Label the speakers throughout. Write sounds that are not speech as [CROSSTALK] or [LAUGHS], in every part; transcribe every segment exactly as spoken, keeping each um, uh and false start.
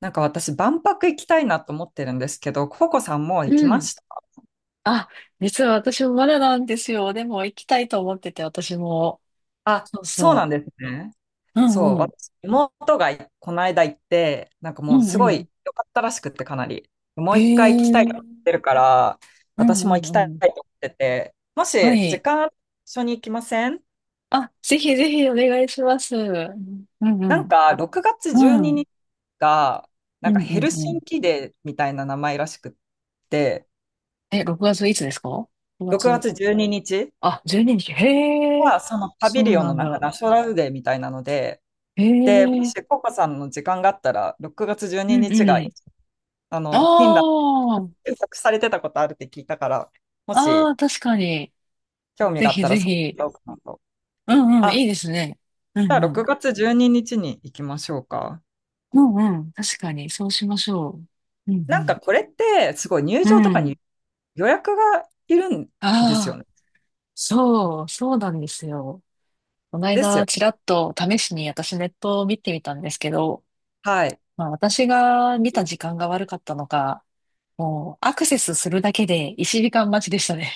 Speaker 1: なんか私、万博行きたいなと思ってるんですけど、ココさんもう行き
Speaker 2: う
Speaker 1: ま
Speaker 2: ん。
Speaker 1: した？
Speaker 2: あ、実は私もまだなんですよ。でも行きたいと思ってて、私も。
Speaker 1: あ、
Speaker 2: そう
Speaker 1: そうなん
Speaker 2: そ
Speaker 1: ですね。
Speaker 2: う。う
Speaker 1: そう、
Speaker 2: んうん。
Speaker 1: 私、妹がこの間行って、なんか
Speaker 2: う
Speaker 1: もう
Speaker 2: ん
Speaker 1: す
Speaker 2: う
Speaker 1: ご
Speaker 2: ん。
Speaker 1: い良かったらしくって、かなり。も
Speaker 2: へ
Speaker 1: う一回行き
Speaker 2: え。
Speaker 1: たい
Speaker 2: う
Speaker 1: と思って
Speaker 2: ん
Speaker 1: るから、
Speaker 2: う
Speaker 1: 私も
Speaker 2: ん
Speaker 1: 行きたい
Speaker 2: うん。
Speaker 1: と思ってて、も
Speaker 2: は
Speaker 1: し時
Speaker 2: い。
Speaker 1: 間ある？一緒に行きません？
Speaker 2: あ、ぜひぜひお願いします。うんうんう
Speaker 1: なん
Speaker 2: ん。
Speaker 1: か、ろくがつ12
Speaker 2: うん。
Speaker 1: 日が、な
Speaker 2: う
Speaker 1: んか
Speaker 2: んう
Speaker 1: ヘ
Speaker 2: ん
Speaker 1: ル
Speaker 2: う
Speaker 1: シン
Speaker 2: ん。
Speaker 1: キデーみたいな名前らしくって、
Speaker 2: え、ろくがついつですか？ ろく
Speaker 1: 6
Speaker 2: 月。
Speaker 1: 月じゅうににち
Speaker 2: あ、じゅうににち。へえ。
Speaker 1: はそのパ
Speaker 2: そ
Speaker 1: ビ
Speaker 2: う
Speaker 1: リオン
Speaker 2: な
Speaker 1: の
Speaker 2: ん
Speaker 1: なんか
Speaker 2: だ。
Speaker 1: ナショナルデーみたいなので、
Speaker 2: へ
Speaker 1: で、もし、
Speaker 2: え。
Speaker 1: ココさんの時間があったら、ろくがつ12
Speaker 2: うん
Speaker 1: 日
Speaker 2: う
Speaker 1: が、
Speaker 2: ん。
Speaker 1: あ
Speaker 2: あ
Speaker 1: の、フィンランド検索されてたことあるって聞いたから、も
Speaker 2: あ。あ
Speaker 1: し、
Speaker 2: あ、確かに。
Speaker 1: 興味
Speaker 2: ぜ
Speaker 1: があっ
Speaker 2: ひ
Speaker 1: たら、
Speaker 2: ぜ
Speaker 1: そう
Speaker 2: ひ。
Speaker 1: だろうかなと。
Speaker 2: うんうん。
Speaker 1: あ、
Speaker 2: いいですね。う
Speaker 1: じゃ
Speaker 2: ん
Speaker 1: あ、
Speaker 2: う
Speaker 1: 6
Speaker 2: ん。
Speaker 1: 月じゅうににちににちに行きましょうか。
Speaker 2: うんうん。確かに、そうしましょう。う
Speaker 1: なん
Speaker 2: ん
Speaker 1: か、これって、すごい入
Speaker 2: う
Speaker 1: 場と
Speaker 2: ん。
Speaker 1: か
Speaker 2: うん。
Speaker 1: に予約がいるんですよ
Speaker 2: ああ、
Speaker 1: ね。
Speaker 2: そう、そうなんですよ。この
Speaker 1: ですよ
Speaker 2: 間、
Speaker 1: ね。
Speaker 2: ちらっと試しに私ネットを見てみたんですけど、
Speaker 1: はい。
Speaker 2: まあ私が見た時間が悪かったのか、もうアクセスするだけで一時間待ちでしたね。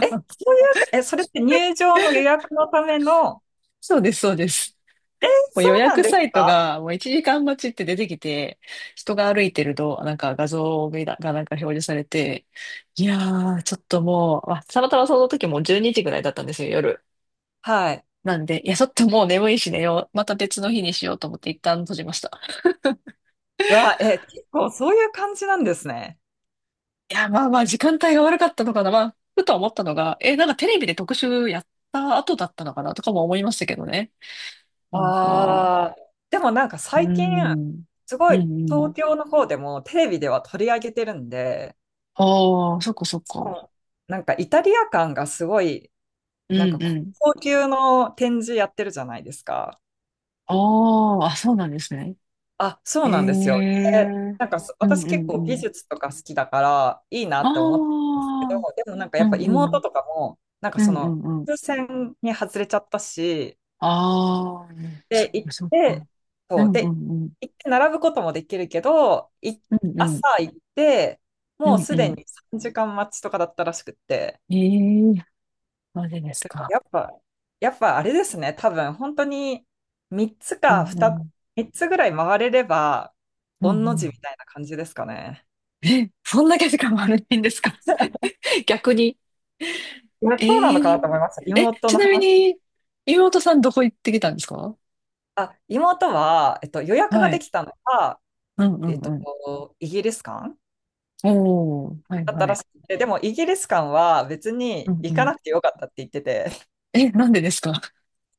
Speaker 1: え、そういうか、え、それって入場の予約のための、
Speaker 2: [LAUGHS] そうです、そうです。
Speaker 1: え、
Speaker 2: もう
Speaker 1: そ
Speaker 2: 予
Speaker 1: うなん
Speaker 2: 約
Speaker 1: で
Speaker 2: サ
Speaker 1: す
Speaker 2: イト
Speaker 1: か？
Speaker 2: がもういちじかん待ちって出てきて、人が歩いてると、なんか画像がなんか表示されて、いやー、ちょっともう、あ、たまたまその時もうじゅうにじぐらいだったんですよ、夜。
Speaker 1: はい。
Speaker 2: なんで、いや、ちょっともう眠いし寝よう。また別の日にしようと思って一旦閉じました。
Speaker 1: うわ、え、結構そういう感じなんですね。
Speaker 2: いや、まあまあ、時間帯が悪かったのかな。まあ、ふと思ったのが、え、なんかテレビで特集やった後だったのかなとかも思いましたけどね。なんか、
Speaker 1: ああ、でもなんか
Speaker 2: うー
Speaker 1: 最近、
Speaker 2: ん、
Speaker 1: す
Speaker 2: う
Speaker 1: ご
Speaker 2: んう
Speaker 1: い東
Speaker 2: ん。
Speaker 1: 京の方でもテレビでは取り上げてるんで、
Speaker 2: ああ、そっかそっ
Speaker 1: しか
Speaker 2: か。
Speaker 1: もなんかイタリア感がすごい、
Speaker 2: う
Speaker 1: なんか
Speaker 2: んうん。
Speaker 1: 高級の展示やってるじゃないですか。
Speaker 2: ああ、あ、そうなんですね。
Speaker 1: あ、そう
Speaker 2: へ
Speaker 1: なんですよ。で、
Speaker 2: え。
Speaker 1: なんかそ
Speaker 2: うん
Speaker 1: 私
Speaker 2: う
Speaker 1: 結
Speaker 2: んう
Speaker 1: 構美
Speaker 2: ん。
Speaker 1: 術とか好きだからいいな
Speaker 2: あ
Speaker 1: って思ってるんですけど、
Speaker 2: あ、
Speaker 1: でもなんかや
Speaker 2: う
Speaker 1: っぱ
Speaker 2: んう
Speaker 1: 妹
Speaker 2: ん。
Speaker 1: とかも、なんか
Speaker 2: う
Speaker 1: そ
Speaker 2: んう
Speaker 1: の、
Speaker 2: んうん。
Speaker 1: 風船に外れちゃったし、
Speaker 2: ああ、そっ
Speaker 1: で、行っ
Speaker 2: かそっか。
Speaker 1: て、
Speaker 2: う
Speaker 1: そう、
Speaker 2: んう
Speaker 1: で、
Speaker 2: んうん。
Speaker 1: 行って並ぶこともできるけど、い、
Speaker 2: うんう
Speaker 1: 朝
Speaker 2: ん。
Speaker 1: 行って、
Speaker 2: う
Speaker 1: もう
Speaker 2: んう
Speaker 1: すで
Speaker 2: ん。
Speaker 1: にさんじかん待ちとかだったらしくって、
Speaker 2: ええ、マジです
Speaker 1: だから
Speaker 2: か。
Speaker 1: やっぱ、やっぱあれですね、多分本当にみっつ
Speaker 2: う
Speaker 1: かに、
Speaker 2: んうん。
Speaker 1: みっつぐらい回れれば、
Speaker 2: うん
Speaker 1: 御の
Speaker 2: う
Speaker 1: 字みたいな感じですかね。
Speaker 2: ん。え、そんだけ時間悪いんですか？ [LAUGHS] 逆に。
Speaker 1: いやそうなのか
Speaker 2: え
Speaker 1: なと
Speaker 2: え。
Speaker 1: 思いました。
Speaker 2: え、
Speaker 1: 妹
Speaker 2: ち
Speaker 1: の
Speaker 2: なみ
Speaker 1: 話。
Speaker 2: に、妹さんどこ行ってきたんですか？
Speaker 1: あ、妹は、えっと、予約が
Speaker 2: は
Speaker 1: で
Speaker 2: い。
Speaker 1: きたのが、
Speaker 2: うんう
Speaker 1: え
Speaker 2: ん
Speaker 1: っ
Speaker 2: うん。
Speaker 1: と、イギリス館
Speaker 2: おー、はい
Speaker 1: だった
Speaker 2: は
Speaker 1: ら
Speaker 2: い。
Speaker 1: しくて、でもイギリス館は別
Speaker 2: う
Speaker 1: に
Speaker 2: んう
Speaker 1: 行か
Speaker 2: ん。
Speaker 1: なくてよかったって言ってて、[LAUGHS]
Speaker 2: え、なんでですか？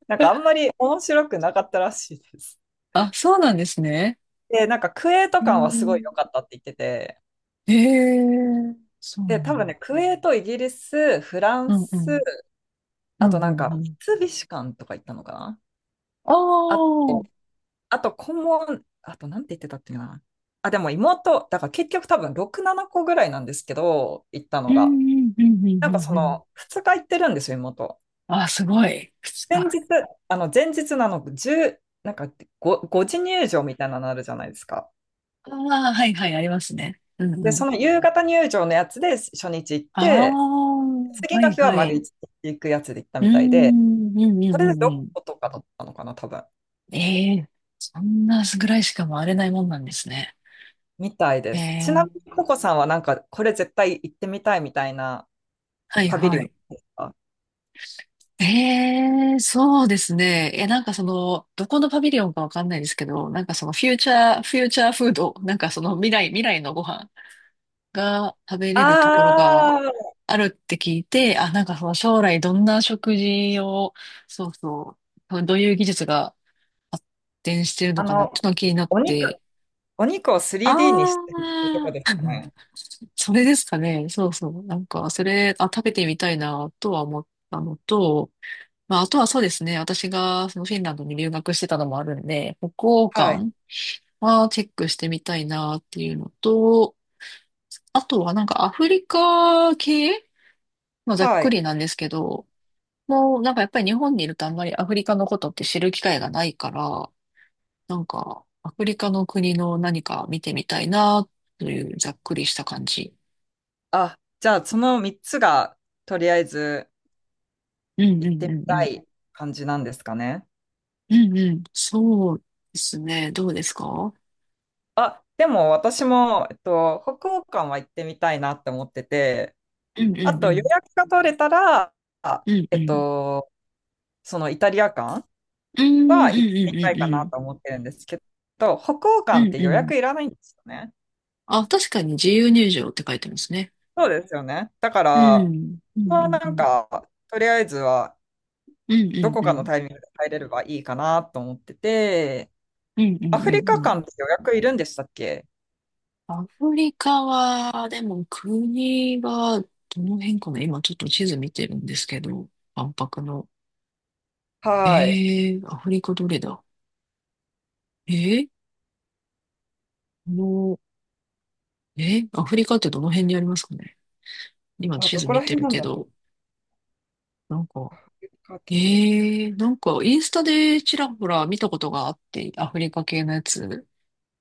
Speaker 1: なんかあんまり面白くなかったらしいです。
Speaker 2: あ、そうなんですね。
Speaker 1: で、なんかクウェート
Speaker 2: う
Speaker 1: 館はすごい
Speaker 2: ん。
Speaker 1: 良かったって言ってて、
Speaker 2: ええ、そうな
Speaker 1: で、
Speaker 2: ん
Speaker 1: 多分
Speaker 2: だ。
Speaker 1: ね、クウェート、イギリス、フラ
Speaker 2: う
Speaker 1: ン
Speaker 2: んう
Speaker 1: ス、
Speaker 2: ん。う
Speaker 1: あ
Speaker 2: ん
Speaker 1: とな
Speaker 2: う
Speaker 1: ん
Speaker 2: ん
Speaker 1: か
Speaker 2: うん。
Speaker 1: 三菱館とか行ったのかな？
Speaker 2: ああ、
Speaker 1: あ、
Speaker 2: うん
Speaker 1: あとコモ問、あとなんて言ってたっけな。あ、でも妹、だから結局多分ろく、ななこぐらいなんですけど、行った
Speaker 2: う
Speaker 1: の
Speaker 2: んう
Speaker 1: が。
Speaker 2: んうんう
Speaker 1: なんかそ
Speaker 2: んうん。
Speaker 1: のふつか行ってるんですよ、妹。
Speaker 2: あ、すごい。靴
Speaker 1: 前
Speaker 2: か。
Speaker 1: 日、あの、前日なの、じゅう、なんかご、ごじ入場みたいなのあるじゃないですか。
Speaker 2: ああ、はいはい、ありますね。うんう
Speaker 1: で、
Speaker 2: ん。
Speaker 1: その夕方入場のやつで初日行っ
Speaker 2: あ
Speaker 1: て、
Speaker 2: あ、
Speaker 1: 次
Speaker 2: は
Speaker 1: の
Speaker 2: い
Speaker 1: 日は
Speaker 2: は
Speaker 1: 丸
Speaker 2: い。
Speaker 1: 一日行くやつで行った
Speaker 2: う
Speaker 1: みたいで、
Speaker 2: ん、うんう
Speaker 1: そ
Speaker 2: ん
Speaker 1: れ
Speaker 2: う
Speaker 1: で
Speaker 2: んう
Speaker 1: 6
Speaker 2: ん。
Speaker 1: 個とかだったのかな、多分。
Speaker 2: ええ、そんなぐらいしか回れないもんなんですね。
Speaker 1: みたいで
Speaker 2: え
Speaker 1: す。ちなみ
Speaker 2: え、
Speaker 1: に、ココさんはなんか、これ絶対行ってみたいみたいな
Speaker 2: はい
Speaker 1: パビリ
Speaker 2: は
Speaker 1: オン
Speaker 2: い。
Speaker 1: ですか？
Speaker 2: ええ、そうですね。え、なんかその、どこのパビリオンかわかんないですけど、なんかそのフューチャー、フューチャーフード、なんかその未来、未来のご飯が食べ
Speaker 1: あ
Speaker 2: れるところが
Speaker 1: あー、
Speaker 2: あるって聞いて、あ、なんかその将来どんな食事を、そうそう、どういう技術が発展してる
Speaker 1: あ
Speaker 2: のかなっ
Speaker 1: の、
Speaker 2: てのが気になっ
Speaker 1: お肉、
Speaker 2: て、
Speaker 1: お肉を
Speaker 2: あ
Speaker 1: スリーディー にしてるとこ
Speaker 2: あ、
Speaker 1: ですか
Speaker 2: [LAUGHS]
Speaker 1: ね。
Speaker 2: それですかね。そうそう。なんか、それ、あ、食べてみたいなとは思ったのと、まあ、あとはそうですね。私がそのフィンランドに留学してたのもあるんで、北欧
Speaker 1: はい。
Speaker 2: 館はチェックしてみたいなっていうのと、あとはなんかアフリカ系、まあ、ざっ
Speaker 1: は
Speaker 2: く
Speaker 1: い。
Speaker 2: りなんですけど、もうなんかやっぱり日本にいるとあんまりアフリカのことって知る機会がないから、なんかアフリカの国の何か見てみたいなというざっくりした感じ。
Speaker 1: あ、じゃあ、そのみっつが、とりあえず、
Speaker 2: うんう
Speaker 1: 行って
Speaker 2: ん
Speaker 1: み
Speaker 2: うんう
Speaker 1: た
Speaker 2: ん。
Speaker 1: い感じなんですかね。
Speaker 2: うんうん。そうですね。どうですか？
Speaker 1: あ、でも私も、えっと、北欧館は行ってみたいなって思ってて、
Speaker 2: うんう
Speaker 1: あ
Speaker 2: んう
Speaker 1: と予
Speaker 2: ん。
Speaker 1: 約が取れたら、あ
Speaker 2: うん
Speaker 1: え
Speaker 2: う
Speaker 1: っ
Speaker 2: ん。
Speaker 1: と、そのイタリア館
Speaker 2: うんうん
Speaker 1: は
Speaker 2: う
Speaker 1: 行って
Speaker 2: ん
Speaker 1: み
Speaker 2: う
Speaker 1: たい
Speaker 2: ん
Speaker 1: か
Speaker 2: う
Speaker 1: な
Speaker 2: ん
Speaker 1: と思ってるんですけど、北欧
Speaker 2: う
Speaker 1: 館っ
Speaker 2: ん
Speaker 1: て
Speaker 2: う
Speaker 1: 予
Speaker 2: ん。
Speaker 1: 約いらないんですよね。
Speaker 2: あ、確かに自由入場って書いてますね。
Speaker 1: そうですよね。だか
Speaker 2: う
Speaker 1: ら、
Speaker 2: ん。うん
Speaker 1: ま
Speaker 2: う
Speaker 1: あ
Speaker 2: ん
Speaker 1: な
Speaker 2: う
Speaker 1: ん
Speaker 2: ん。
Speaker 1: か、とりあえずは
Speaker 2: うん
Speaker 1: ど
Speaker 2: う
Speaker 1: こ
Speaker 2: んう
Speaker 1: かの
Speaker 2: ん。
Speaker 1: タイミングで入れればいいかなと思ってて、
Speaker 2: うんうん
Speaker 1: アフ
Speaker 2: う
Speaker 1: リ
Speaker 2: ん
Speaker 1: カ
Speaker 2: うん。
Speaker 1: 館って予約いるんでしたっけ？
Speaker 2: アフリカは、でも国はどの辺かな。今ちょっと地図見てるんですけど、万博の。え
Speaker 1: はい。
Speaker 2: ー、アフリカどれだ？えー、この、えー、アフリカってどの辺にありますかね？今
Speaker 1: あ、
Speaker 2: 地
Speaker 1: ど
Speaker 2: 図
Speaker 1: こ
Speaker 2: 見
Speaker 1: ら
Speaker 2: て
Speaker 1: 辺
Speaker 2: る
Speaker 1: なん
Speaker 2: け
Speaker 1: だろ
Speaker 2: ど、
Speaker 1: う。
Speaker 2: なんか、
Speaker 1: か
Speaker 2: え
Speaker 1: け
Speaker 2: ー、なんかインスタでちらほら見たことがあって、アフリカ系のやつ。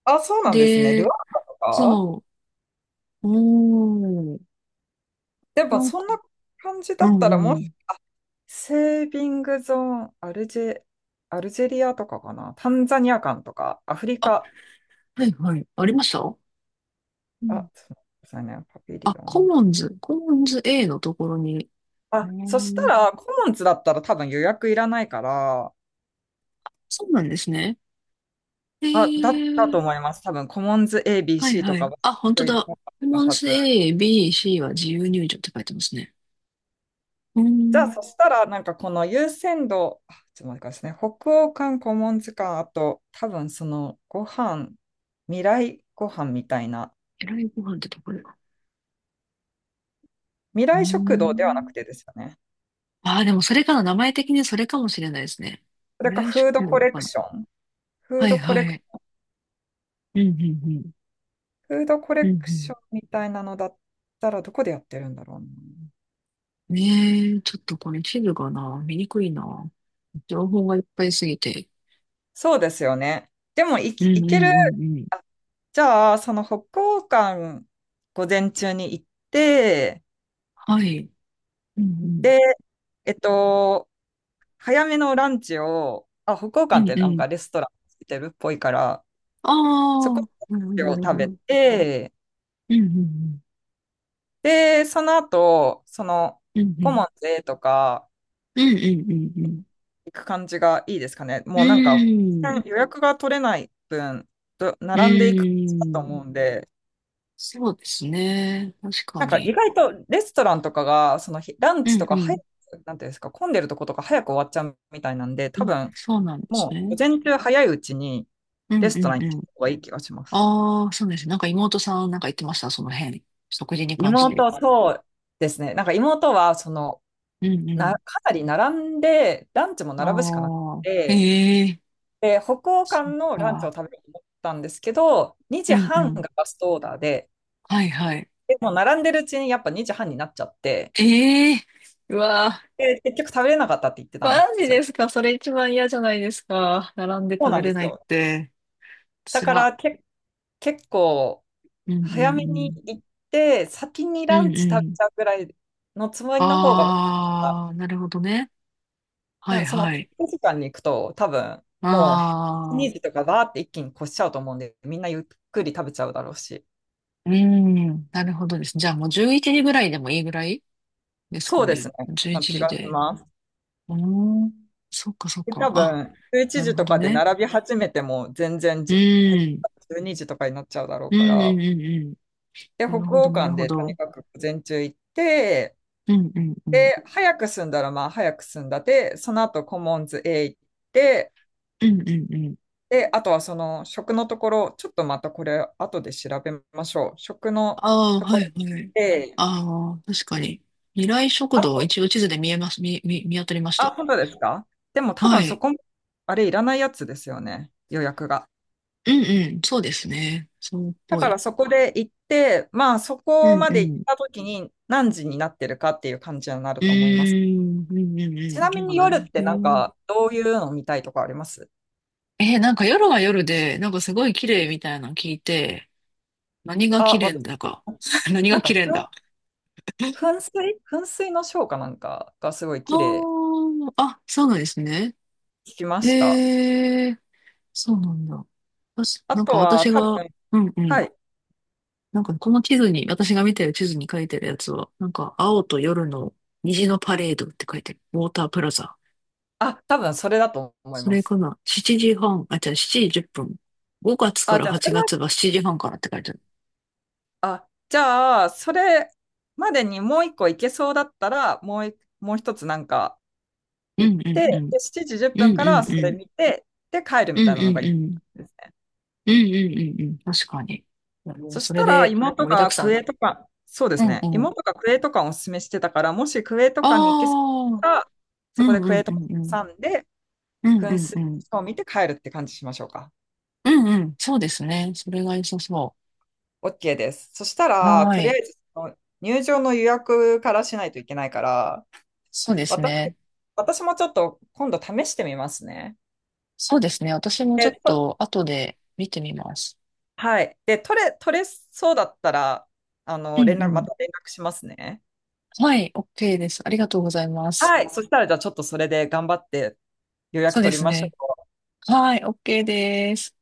Speaker 1: あ、そうなんですね。ル
Speaker 2: で、
Speaker 1: ワンダとか？
Speaker 2: そう、うーん。
Speaker 1: で
Speaker 2: な
Speaker 1: も、
Speaker 2: ん
Speaker 1: そ
Speaker 2: か、
Speaker 1: んな感じ
Speaker 2: う
Speaker 1: だっ
Speaker 2: ん
Speaker 1: た
Speaker 2: う
Speaker 1: ら、もう、
Speaker 2: ん。
Speaker 1: セービングゾーン、アルジェ、アルジェリアとかかな。タンザニア館とか、アフリ
Speaker 2: あ、
Speaker 1: カ。
Speaker 2: はいはい。ありました。う
Speaker 1: あ、
Speaker 2: ん。
Speaker 1: すみませね。パビリ
Speaker 2: あ、
Speaker 1: オ
Speaker 2: コ
Speaker 1: ン。
Speaker 2: モンズ、コモンズ A のところに。へ
Speaker 1: あ、そした
Speaker 2: ー、
Speaker 1: ら、コモンズだったら多分予約いらないから、
Speaker 2: そうなんですね。へ
Speaker 1: あ、だっ
Speaker 2: え、
Speaker 1: たと思います。多分、コモンズ
Speaker 2: はい
Speaker 1: エービーシー と
Speaker 2: は
Speaker 1: か
Speaker 2: い。
Speaker 1: は
Speaker 2: あ、本当
Speaker 1: 予約い
Speaker 2: だ。
Speaker 1: ら
Speaker 2: コ
Speaker 1: な
Speaker 2: モン
Speaker 1: かっ
Speaker 2: ズ
Speaker 1: たはず。
Speaker 2: A、B、C は自由入場って書いてますね。うー
Speaker 1: じゃあ、
Speaker 2: ん。
Speaker 1: そしたら、なんかこの優先度、あちょっと待ってくださいね。北欧館、古文図鑑、あと、多分その、ご飯、未来ご飯みたいな、
Speaker 2: えらいご飯ってところか。
Speaker 1: 未
Speaker 2: うー
Speaker 1: 来食堂ではな
Speaker 2: ん。
Speaker 1: くてですよね。
Speaker 2: ああ、でもそれかな。名前的にそれかもしれないですね。
Speaker 1: それ
Speaker 2: 未
Speaker 1: か、
Speaker 2: 来
Speaker 1: フード
Speaker 2: 食
Speaker 1: コ
Speaker 2: 堂
Speaker 1: レ
Speaker 2: か
Speaker 1: ク
Speaker 2: な。
Speaker 1: ション。フー
Speaker 2: はい
Speaker 1: ドコ
Speaker 2: は
Speaker 1: レク、
Speaker 2: い。うんうんうん。
Speaker 1: フードコレ
Speaker 2: うんう
Speaker 1: クシ
Speaker 2: ん。
Speaker 1: ョンみたいなのだったら、どこでやってるんだろうな。
Speaker 2: ねえ、ちょっとこれ地図がな、見にくいな。情報がいっぱいすぎて。
Speaker 1: そうですよね。でも、い
Speaker 2: う
Speaker 1: き、
Speaker 2: ん
Speaker 1: い
Speaker 2: うん
Speaker 1: ける。
Speaker 2: うんうん。
Speaker 1: あ、じゃあ、その北欧館、午前中に行って、
Speaker 2: はい。うんうん。
Speaker 1: で、えっと、早めのランチを、あ、北欧
Speaker 2: う
Speaker 1: 館っ
Speaker 2: ん
Speaker 1: て
Speaker 2: う
Speaker 1: なん
Speaker 2: ん。
Speaker 1: かレストランついてるっぽいから、
Speaker 2: あ
Speaker 1: そこ
Speaker 2: あ、
Speaker 1: で
Speaker 2: なるほど、
Speaker 1: ラ
Speaker 2: な
Speaker 1: ンチ
Speaker 2: る
Speaker 1: を食
Speaker 2: ほど。
Speaker 1: べ
Speaker 2: うん
Speaker 1: て、
Speaker 2: うん
Speaker 1: で、その後、その、
Speaker 2: うん。うんう
Speaker 1: コモ
Speaker 2: ん。
Speaker 1: ンズとか
Speaker 2: うんうんうん
Speaker 1: 行く感じがいいですかね。
Speaker 2: うん。
Speaker 1: もうなんか、
Speaker 2: うーん。
Speaker 1: 予約が取れない分、ど
Speaker 2: う
Speaker 1: 並んでいく
Speaker 2: ー
Speaker 1: と
Speaker 2: ん。
Speaker 1: 思うんで、
Speaker 2: そうですね。確か
Speaker 1: なんか意
Speaker 2: に。
Speaker 1: 外とレストランとかが、その日ラン
Speaker 2: う
Speaker 1: チと
Speaker 2: んう
Speaker 1: か早
Speaker 2: ん。
Speaker 1: く、なんていうんですか、混んでるとことか早く終わっちゃうみたいなんで、
Speaker 2: う
Speaker 1: 多
Speaker 2: ん、
Speaker 1: 分、
Speaker 2: そうなんです
Speaker 1: もう、
Speaker 2: ね。
Speaker 1: 午前中早いうちに
Speaker 2: うん
Speaker 1: レス
Speaker 2: う
Speaker 1: トラン
Speaker 2: ん
Speaker 1: に行
Speaker 2: うん。
Speaker 1: った方がいい気がします。
Speaker 2: ああ、そうです。なんか妹さんなんか言ってました、その辺。食事に関して。
Speaker 1: 妹、そうですね。なんか妹は、その、
Speaker 2: うんう
Speaker 1: な、
Speaker 2: ん。
Speaker 1: かなり並んで、ランチも並ぶしかなく
Speaker 2: ああ、
Speaker 1: て、
Speaker 2: ええ、
Speaker 1: で、北欧館
Speaker 2: そっ
Speaker 1: のランチを
Speaker 2: か。
Speaker 1: 食べようと思ったんですけど、
Speaker 2: う
Speaker 1: 2
Speaker 2: んう
Speaker 1: 時半が
Speaker 2: ん。
Speaker 1: ラストオーダーで、
Speaker 2: はいはい。
Speaker 1: でもう並んでるうちにやっぱにじはんになっちゃって、
Speaker 2: ええ、うわ
Speaker 1: で、結局食べれなかったって言って
Speaker 2: ー、
Speaker 1: たん
Speaker 2: マ
Speaker 1: で
Speaker 2: ジ
Speaker 1: す
Speaker 2: で
Speaker 1: よ。
Speaker 2: すか？それ一番嫌じゃないですか。並んで
Speaker 1: そう
Speaker 2: 食
Speaker 1: な
Speaker 2: べ
Speaker 1: んで
Speaker 2: れ
Speaker 1: す
Speaker 2: ないっ
Speaker 1: よ。
Speaker 2: て。
Speaker 1: だ
Speaker 2: つ
Speaker 1: か
Speaker 2: ら。
Speaker 1: らけ、結構、
Speaker 2: うんうん
Speaker 1: 早
Speaker 2: う
Speaker 1: めに
Speaker 2: ん。
Speaker 1: 行って、先に
Speaker 2: う
Speaker 1: ラン
Speaker 2: ん
Speaker 1: チ
Speaker 2: う
Speaker 1: 食べ
Speaker 2: ん。
Speaker 1: ちゃうぐらいのつもりの方が、
Speaker 2: ああ、なるほどね。
Speaker 1: な
Speaker 2: は
Speaker 1: ん
Speaker 2: い
Speaker 1: かその
Speaker 2: は
Speaker 1: ピー
Speaker 2: い。
Speaker 1: ク時間に行くと、多分もう
Speaker 2: あ
Speaker 1: にじ
Speaker 2: あ、
Speaker 1: とかバーって一気に越しちゃうと思うんで、みんなゆっくり食べちゃうだろうし。
Speaker 2: うん。なるほどです。じゃあもうじゅういちじぐらいでもいいぐらいです
Speaker 1: そ
Speaker 2: か
Speaker 1: うです
Speaker 2: ね。
Speaker 1: ね。
Speaker 2: 11
Speaker 1: まあ気
Speaker 2: 時
Speaker 1: がし
Speaker 2: で。
Speaker 1: ます。
Speaker 2: うーん。そっかそっ
Speaker 1: で
Speaker 2: か。
Speaker 1: 多
Speaker 2: あ、
Speaker 1: 分、11
Speaker 2: なる
Speaker 1: 時
Speaker 2: ほ
Speaker 1: と
Speaker 2: ど
Speaker 1: かで
Speaker 2: ね。
Speaker 1: 並び始めても全然
Speaker 2: う
Speaker 1: じ減っ
Speaker 2: ん。
Speaker 1: たじゅうにじとかになっちゃうだろう
Speaker 2: う
Speaker 1: か
Speaker 2: んうん
Speaker 1: ら。
Speaker 2: うんうん。
Speaker 1: で、
Speaker 2: な
Speaker 1: 北
Speaker 2: るほど、
Speaker 1: 欧
Speaker 2: なる
Speaker 1: 館
Speaker 2: ほ
Speaker 1: でとに
Speaker 2: ど。
Speaker 1: かく午前中行って、
Speaker 2: うんうんうん。
Speaker 1: で、早く済んだらまあ早く済んだで、その後コモンズへ行って、
Speaker 2: うんうんうん。
Speaker 1: で、あとはその食のところ、ちょっとまたこれ後で調べましょう。食の
Speaker 2: ああ、
Speaker 1: と
Speaker 2: は
Speaker 1: こ
Speaker 2: い
Speaker 1: ろ
Speaker 2: はい。
Speaker 1: で、
Speaker 2: ああ、確かに。未来食堂、
Speaker 1: あ、
Speaker 2: 一応地図で見えます、見、見、見当たりまし
Speaker 1: あ、
Speaker 2: た。
Speaker 1: 本当ですか？でも多
Speaker 2: は
Speaker 1: 分そ
Speaker 2: い。
Speaker 1: こも、あれいらないやつですよね、予約が。
Speaker 2: うんうん、そうですね。そうっ
Speaker 1: だ
Speaker 2: ぽ
Speaker 1: か
Speaker 2: い。
Speaker 1: らそこで行って、まあそ
Speaker 2: う
Speaker 1: こ
Speaker 2: ん
Speaker 1: ま
Speaker 2: う
Speaker 1: で行っ
Speaker 2: ん。
Speaker 1: た時に何時になってるかっていう感じになる
Speaker 2: う
Speaker 1: と思います。
Speaker 2: ーん、うんうん
Speaker 1: ちなみ
Speaker 2: う
Speaker 1: に
Speaker 2: ん。なん
Speaker 1: 夜っ
Speaker 2: か、う
Speaker 1: てなん
Speaker 2: ん、
Speaker 1: かどういうの見たいとかあります？
Speaker 2: えーなんか夜は夜で、なんかすごい綺麗みたいなの聞いて、何が綺
Speaker 1: あ、
Speaker 2: 麗ん
Speaker 1: 私、
Speaker 2: だか。[LAUGHS] 何
Speaker 1: な
Speaker 2: が
Speaker 1: ん
Speaker 2: 綺
Speaker 1: か
Speaker 2: 麗ん
Speaker 1: ふん
Speaker 2: だ。
Speaker 1: 噴水噴水のショーかなんかがすごい綺麗
Speaker 2: ああ、あ、そうなんですね。
Speaker 1: 聞きました。
Speaker 2: へえ、そうなんだ。私、
Speaker 1: あ
Speaker 2: なん
Speaker 1: と
Speaker 2: か
Speaker 1: は
Speaker 2: 私
Speaker 1: 多分、
Speaker 2: が、うんうん。
Speaker 1: はい。
Speaker 2: なんかこの地図に、私が見てる地図に書いてるやつは、なんか青と夜の虹のパレードって書いてる。ウォータープラザ。
Speaker 1: あ、多分それだと思い
Speaker 2: そ
Speaker 1: ま
Speaker 2: れか
Speaker 1: す。
Speaker 2: な？ しち 時半、あ、じゃあ時じゅっぷん。ごがつか
Speaker 1: あ、
Speaker 2: ら
Speaker 1: じゃあ、そ
Speaker 2: 8
Speaker 1: れは、
Speaker 2: 月はしちじはんからって書いてある。
Speaker 1: あ、じゃあ、それまでにもう一個行けそうだったら、もうい、もう一つなんか
Speaker 2: う
Speaker 1: 行っ
Speaker 2: んう
Speaker 1: て、
Speaker 2: んうん。
Speaker 1: で、しちじ10
Speaker 2: う
Speaker 1: 分
Speaker 2: ん
Speaker 1: か
Speaker 2: う
Speaker 1: ら
Speaker 2: ん
Speaker 1: そ
Speaker 2: う
Speaker 1: れ
Speaker 2: ん。
Speaker 1: 見て、で、帰る
Speaker 2: う
Speaker 1: み
Speaker 2: ん
Speaker 1: たいなの
Speaker 2: う
Speaker 1: が
Speaker 2: ん
Speaker 1: いい
Speaker 2: うん。
Speaker 1: ですね。
Speaker 2: うんうんうんうん。確かに。いや、もう
Speaker 1: そし
Speaker 2: それ
Speaker 1: たら、
Speaker 2: で
Speaker 1: 妹
Speaker 2: 盛りだく
Speaker 1: が
Speaker 2: さ
Speaker 1: ク
Speaker 2: ん。
Speaker 1: エとか、そうで
Speaker 2: う
Speaker 1: す
Speaker 2: ん
Speaker 1: ね。
Speaker 2: うん。
Speaker 1: 妹がクエとかをおすすめしてたから、もしクエと
Speaker 2: あ
Speaker 1: かに行けそう
Speaker 2: あ。
Speaker 1: だったら、
Speaker 2: う
Speaker 1: そこで
Speaker 2: んう
Speaker 1: クエ
Speaker 2: ん
Speaker 1: と
Speaker 2: う
Speaker 1: か
Speaker 2: んうん。
Speaker 1: 挟んで、
Speaker 2: うん
Speaker 1: 噴
Speaker 2: うんう
Speaker 1: 水
Speaker 2: ん。
Speaker 1: を見て帰るって感じしましょうか。
Speaker 2: うんうん。そうですね。それが良さそ
Speaker 1: OK です。そした
Speaker 2: う。
Speaker 1: ら、
Speaker 2: はー
Speaker 1: とりあ
Speaker 2: い。
Speaker 1: えずその入場の予約からしないといけないから、
Speaker 2: そうです
Speaker 1: 私、
Speaker 2: ね。
Speaker 1: 私もちょっと今度試してみますね。
Speaker 2: そうですね。私も
Speaker 1: え
Speaker 2: ちょ
Speaker 1: っ
Speaker 2: っ
Speaker 1: と、
Speaker 2: と後で見てみます。
Speaker 1: はい。で、取れ、取れそうだったら、あ
Speaker 2: う
Speaker 1: の、
Speaker 2: ん
Speaker 1: 連
Speaker 2: う
Speaker 1: 絡、ま
Speaker 2: ん。
Speaker 1: た連絡しますね。
Speaker 2: はい。OK です。ありがとうございます。
Speaker 1: はい。そしたら、じゃあちょっとそれで頑張って予
Speaker 2: そ
Speaker 1: 約
Speaker 2: うで
Speaker 1: 取り
Speaker 2: す
Speaker 1: ましょ
Speaker 2: ね。
Speaker 1: う。
Speaker 2: はい。OK です。